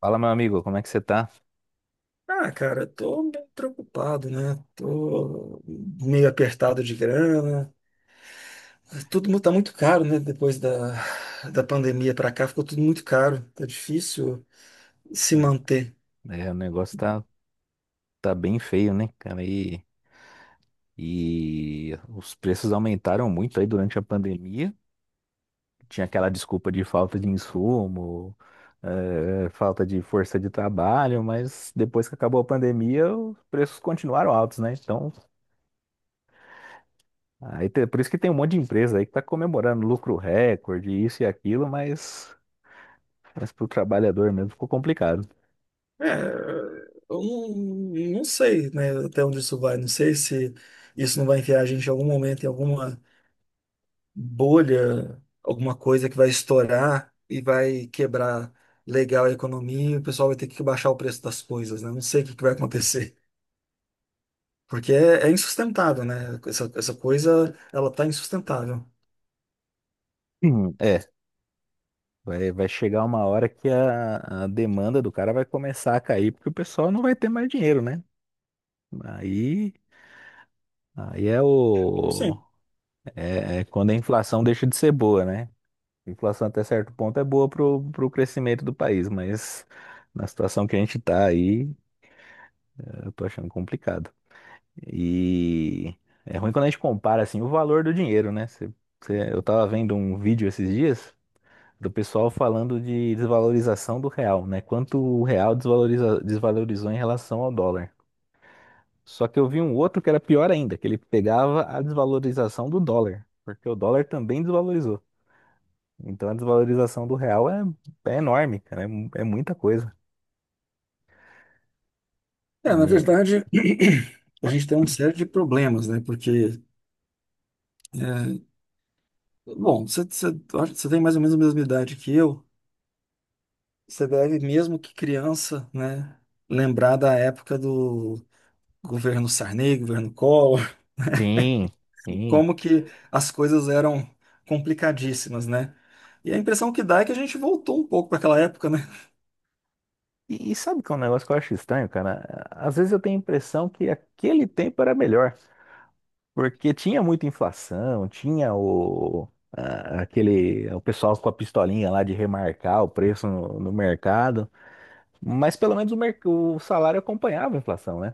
Fala, meu amigo, como é que você tá? Ah, cara, eu tô bem preocupado, né? Tô meio apertado de grana. Tá muito caro, né? Da pandemia pra cá, ficou tudo muito caro. Tá difícil se manter. É, o negócio tá bem feio, né, cara? E os preços aumentaram muito aí durante a pandemia. Tinha aquela desculpa de falta de insumo, falta de força de trabalho, mas depois que acabou a pandemia, os preços continuaram altos, né? Então, por isso que tem um monte de empresa aí que tá comemorando lucro recorde, isso e aquilo, mas pro trabalhador mesmo ficou complicado. É, eu não, Não sei, né? Até onde isso vai. Não sei se isso não vai enfiar a gente em algum momento em alguma bolha, alguma coisa que vai estourar e vai quebrar legal a economia e o pessoal vai ter que baixar o preço das coisas, né? Não sei o que que vai acontecer. Porque é insustentável, né? Essa coisa, ela tá insustentável. É. Vai chegar uma hora que a demanda do cara vai começar a cair, porque o pessoal não vai ter mais dinheiro, né? Aí, aí Sim. É quando a inflação deixa de ser boa, né? A inflação até certo ponto é boa pro crescimento do país, mas na situação que a gente tá aí, eu tô achando complicado. E é ruim quando a gente compara, assim, o valor do dinheiro, né? Eu tava vendo um vídeo esses dias do pessoal falando de desvalorização do real, né? Quanto o real desvalorizou em relação ao dólar. Só que eu vi um outro que era pior ainda, que ele pegava a desvalorização do dólar, porque o dólar também desvalorizou. Então a desvalorização do real é enorme, cara, é muita coisa. É, na E é- verdade, a gente tem uma série de problemas, né? É, bom, você, você, eu acho que você tem mais ou menos a mesma idade que eu. Você deve, mesmo que criança, né? Lembrar da época do governo Sarney, governo Collor, Sim, sim. como que as coisas eram complicadíssimas, né? E a impressão que dá é que a gente voltou um pouco para aquela época, né? E sabe que é um negócio que eu acho estranho, cara? Às vezes eu tenho a impressão que aquele tempo era melhor. Porque tinha muita inflação, tinha o pessoal com a pistolinha lá de remarcar o preço no mercado, mas pelo menos o salário acompanhava a inflação, né?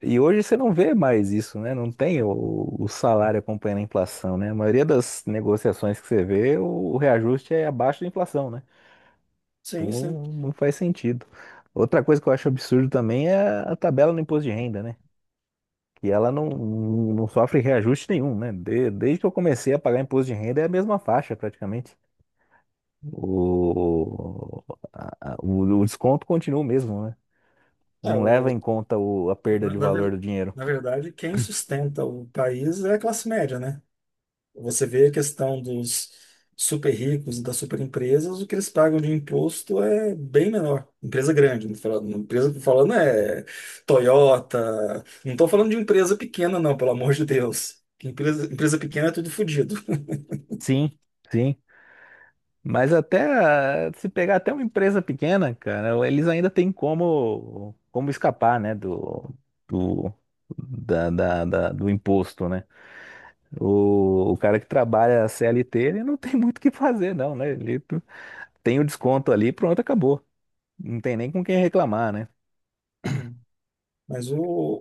E hoje você não vê mais isso, né? Não tem o salário acompanhando a inflação, né? A maioria das negociações que você vê, o reajuste é abaixo da inflação, né? Sim, Então sim. não faz sentido. Outra coisa que eu acho absurdo também é a tabela no imposto de renda, né? E ela não sofre reajuste nenhum, né? Desde que eu comecei a pagar imposto de renda é a mesma faixa praticamente. O, o desconto continua o mesmo, né? É, Não leva o em conta a perda Na, de na valor ver- do dinheiro. Na verdade, quem sustenta o país é a classe média, né? Você vê a questão dos super ricos e das super empresas, o que eles pagam de imposto é bem menor. Empresa grande, não tô falando, empresa tô falando é Toyota. Não estou falando de empresa pequena, não, pelo amor de Deus. Que empresa, empresa pequena é tudo fodido. Sim, sim. Mas até se pegar até uma empresa pequena, cara, eles ainda têm como escapar, né? Do, do, da, da- da- do imposto, né? O cara que trabalha CLT, ele não tem muito o que fazer, não, né? Ele tem o desconto ali, pronto, acabou. Não tem nem com quem reclamar, né? Hum. Mas o,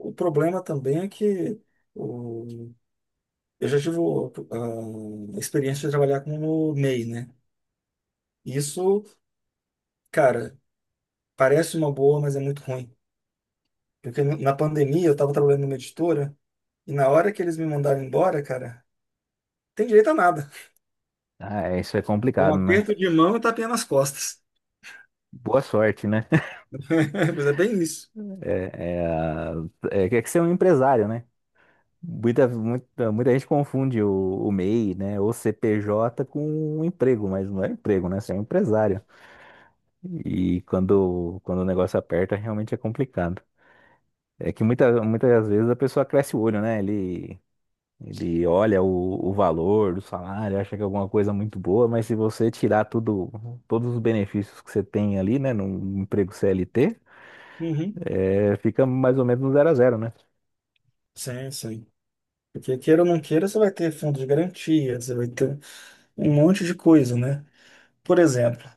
o problema também é que o- eu já tive a experiência de trabalhar com o MEI, né? Isso, cara. Parece uma boa, mas é muito ruim. Porque na pandemia eu estava trabalhando numa editora e na hora que eles me mandaram embora, cara, tem direito a nada. Ah, é, isso é É um complicado, né? aperto de mão e tapinha nas costas. Boa sorte, né? Mas é bem isso. É, é, a- é que ser um empresário, né? Muita, muita, muita gente confunde o MEI, né? Ou CPJ com um emprego, mas não é emprego, né? Você é um empresário. E quando o negócio aperta, realmente é complicado. É que muitas vezes a pessoa cresce o olho, né? Ele olha o valor do salário, acha que é alguma coisa muito boa, mas se você tirar tudo, todos os benefícios que você tem ali, né, num emprego CLT, Uhum. Fica mais ou menos no zero a zero, né? Sim, sim. Porque queira ou não queira, você vai ter fundo de garantia, você vai ter um monte de coisa, né? Por exemplo,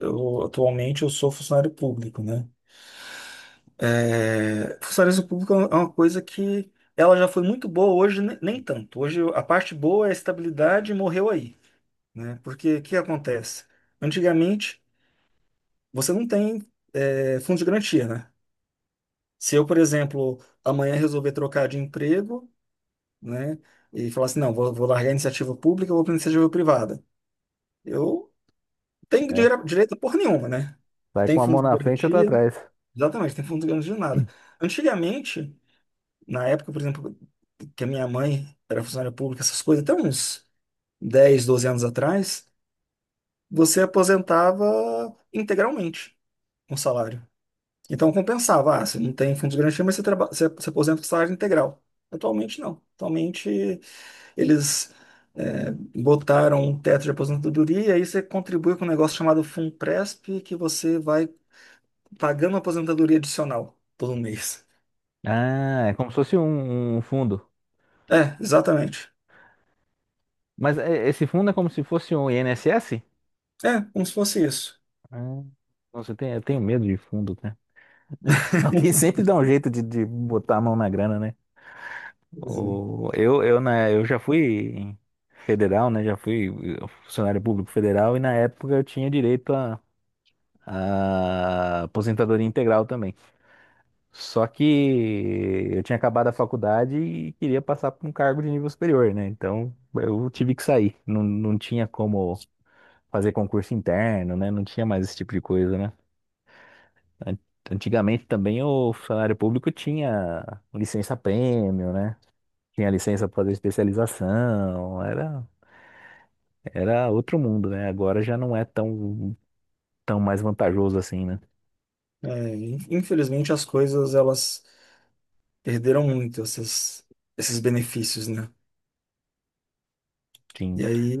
eu atualmente eu sou funcionário público, né? É, funcionário público é uma coisa que ela já foi muito boa, hoje nem tanto. Hoje a parte boa é a estabilidade morreu aí. Né? Porque o que acontece? Antigamente, você não tem fundo de garantia, né? Se eu, por exemplo, amanhã resolver trocar de emprego, né, e falar assim, não, vou largar a iniciativa pública, vou para a iniciativa privada, eu tenho É, dinheiro, direito a porra nenhuma, né? vai Tem com a mão fundo de na frente e outra garantia, atrás. exatamente, tem fundo de garantia de nada. Antigamente, na época, por exemplo, que a minha mãe era funcionária pública, essas coisas, até uns 10 12 anos atrás, você aposentava integralmente com salário. Então compensava, ah, você não tem fundos de garantia, mas você, você aposenta com salário integral. Atualmente não. Atualmente eles botaram um teto de aposentadoria e aí você contribui com um negócio chamado FUNPRESP que você vai pagando aposentadoria adicional todo mês. Ah, é como se fosse um fundo. É, exatamente. Mas é, esse fundo é como se fosse um INSS? É, como se fosse isso. Ah, nossa, eu tenho medo de fundo, né? Alguém sempre dá um jeito de botar a mão na grana, né? Quer dizer, Né, eu já fui federal, né? Já fui funcionário público federal e na época eu tinha direito a aposentadoria integral também. Só que eu tinha acabado a faculdade e queria passar para um cargo de nível superior, né? Então eu tive que sair. Não, não tinha como fazer concurso interno, né? Não tinha mais esse tipo de coisa, né? An- Antigamente também o funcionário público tinha licença prêmio, né? Tinha licença para fazer especialização, era outro mundo, né? Agora já não é tão mais vantajoso assim, né? Infelizmente as coisas elas perderam muito essas, esses benefícios, né? Sim. E aí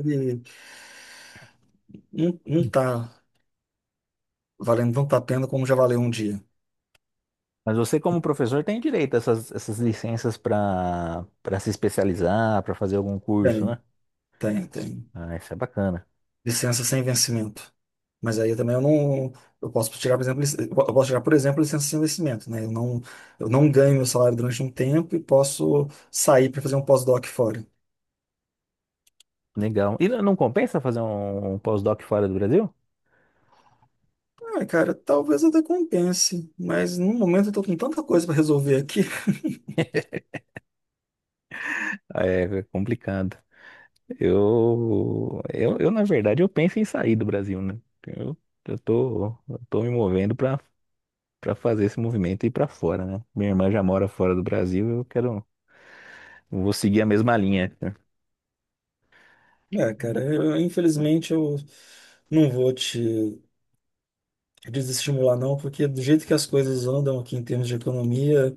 não, não tá valendo tanto a pena como já valeu um dia. Mas você, como professor, tem direito a essas licenças para se especializar, para fazer algum curso, Tem, né? tem, tem. Ah, isso é bacana. Licença sem vencimento. Mas aí eu também eu não. Eu posso tirar, por exemplo, eu posso tirar, por exemplo, licença sem vencimento, né? Eu não ganho meu salário durante um tempo e posso sair para fazer um pós-doc fora. Legal. E não não compensa fazer um pós-doc fora do Brasil? Ah, cara, talvez até compense, mas no momento eu tô com tanta coisa para resolver aqui. Ah, é é complicado. Eu, na verdade, eu penso em sair do Brasil, né? Eu, eu tô me movendo para fazer esse movimento e ir para fora, né? Minha irmã já mora fora do Brasil, eu quero vou seguir a mesma linha. É, cara, infelizmente eu não vou te desestimular, não, porque do jeito que as coisas andam aqui em termos de economia,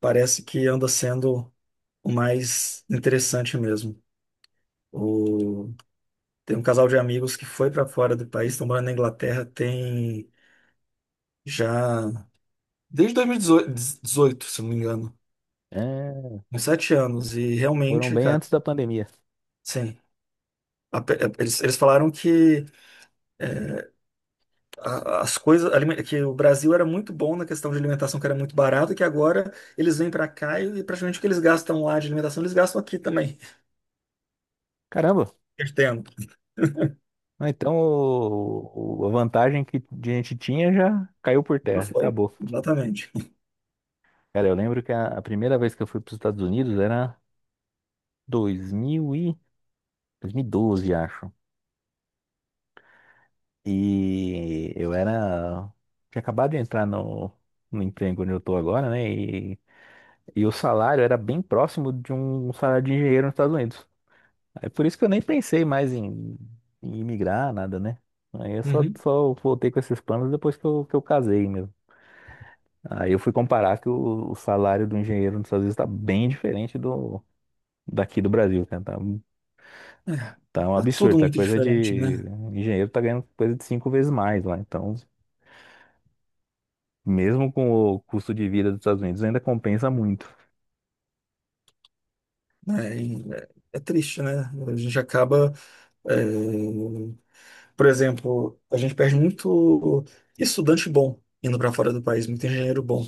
parece que anda sendo o mais interessante mesmo. O... Tem um casal de amigos que foi para fora do país, estão morando na Inglaterra, tem já desde 2018 se não me engano, É, uns sete anos. E foram realmente, bem cara, antes da pandemia. sim. a pe- é, Eles falaram que é, as coisas, que o Brasil era muito bom na questão de alimentação, que era muito barato, e que agora eles vêm para cá e praticamente o que eles gastam lá de alimentação, eles gastam aqui também, Caramba! perdendo. Ah, então, a vantagem que a gente tinha já caiu por Não terra, foi? acabou. Exatamente. Cara, eu lembro que a primeira vez que eu fui para os Estados Unidos era 2000 e, 2012, acho. E eu era. Tinha acabado de entrar no emprego onde eu tô agora, né? E o salário era bem próximo de um salário de engenheiro nos Estados Unidos. É por isso que eu nem pensei mais em imigrar, nada, né? Aí eu Uhum. só voltei com esses planos depois que que eu casei mesmo. Aí eu fui comparar que o salário do engenheiro nos Estados Unidos tá bem diferente do daqui do Brasil, cara. É, Tá um tá absurdo, tudo tá muito coisa diferente, de... né? O engenheiro tá ganhando coisa de 5 vezes mais lá, então... Mesmo com o custo de vida dos Estados Unidos, ainda compensa muito. É, é triste, né? A gente acaba, é, por exemplo, a gente perde muito estudante bom indo para fora do país, muito engenheiro bom,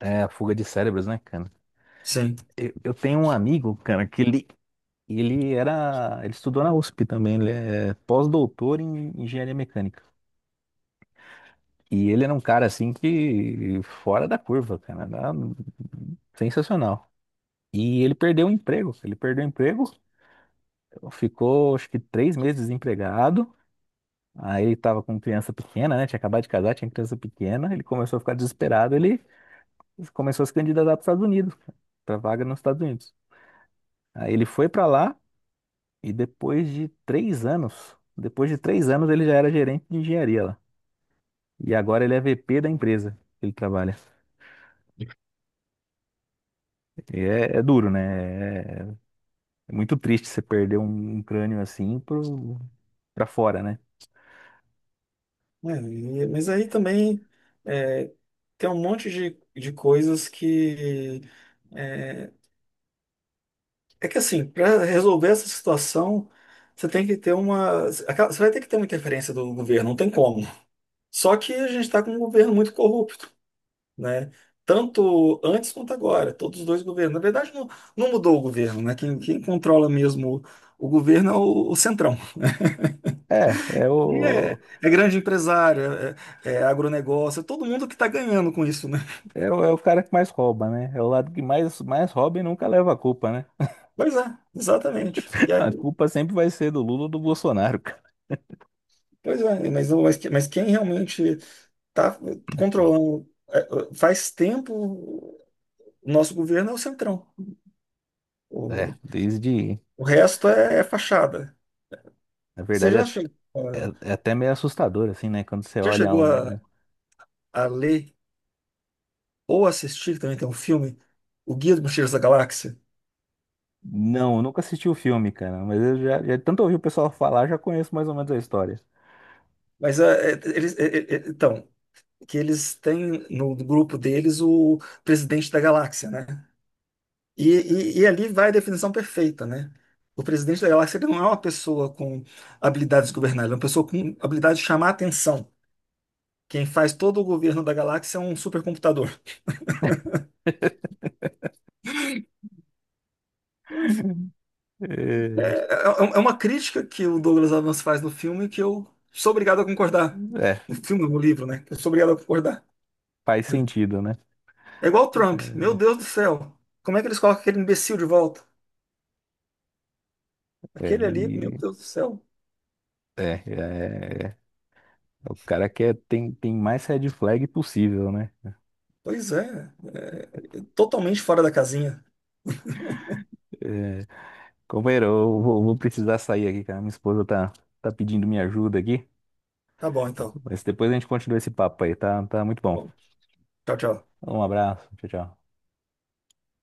É a fuga de cérebros, né, cara? sim. Eu tenho um amigo, cara, que ele, E ele era, ele estudou na USP também, ele é pós-doutor em engenharia mecânica. E ele era um cara assim que fora da curva, cara, era sensacional. Ele perdeu o emprego, ficou acho que 3 meses desempregado. Aí ele tava com criança pequena, né? Tinha acabado de casar, tinha criança pequena. Ele começou a ficar desesperado, ele começou a se candidatar para os Estados Unidos, para vaga nos Estados Unidos. Aí ele foi para lá, e depois de três anos ele já era gerente de engenharia lá. E agora ele é VP da empresa que ele trabalha. E é duro, né? É, é muito triste você perder um crânio assim pra fora, né? Mas aí também é, tem um monte de coisas que é, é que assim, para resolver essa situação, você vai ter que ter uma interferência do governo, não tem como. Só que a gente está com um governo muito corrupto. Né? Tanto antes quanto agora, todos os dois governos. Na verdade, não, não mudou o governo, né? Quem controla mesmo o governo é o Centrão. É, é E é, o, É grande empresário, é agronegócio, é todo mundo que está ganhando com isso, né? É o cara que mais rouba, né? É o lado que mais rouba e nunca leva a culpa, né? Pois é, exatamente. E A aí, culpa sempre vai ser do Lula ou do Bolsonaro, cara. pois é, mas, não- mas, que- mas quem realmente está controlando faz tempo o nosso governo é o Centrão. O, É, desde, o resto é fachada. na Você verdade, já chegou, a- é até meio assustador, assim, né? Quando você Já olha chegou um. a ler? Ou assistir também, tem um filme, O Guia dos Mochileiros da Galáxia. Não, eu nunca assisti o filme, cara, mas eu já tanto ouvi o pessoal falar, já conheço mais ou menos a história. Mas é, é, eles, é, é, é, então, Que eles têm no grupo deles o presidente da galáxia, né? E ali vai a definição perfeita, né? O presidente da galáxia ele não é uma pessoa com habilidades governais, ele é uma pessoa com habilidade de chamar a atenção. Quem faz todo o governo da galáxia é um supercomputador. É, É, é, é uma crítica que o Douglas Adams faz no filme que eu sou obrigado a concordar. é, No filme, no livro, né? Eu sou obrigado a concordar. faz sentido, né? É igual o Trump. Meu Deus do céu. Como é que eles colocam aquele imbecil de volta? É, é, Aquele ali, meu e Deus do céu. É, o cara quer tem, mais red flag possível, né? Pois é. É totalmente fora da casinha. É, companheiro, eu vou precisar sair aqui, cara. Minha esposa tá pedindo minha ajuda aqui, Tá bom, então. mas depois a gente continua esse papo aí, tá? Tá muito bom. Bom, tchau, tchau. Um abraço, tchau, tchau.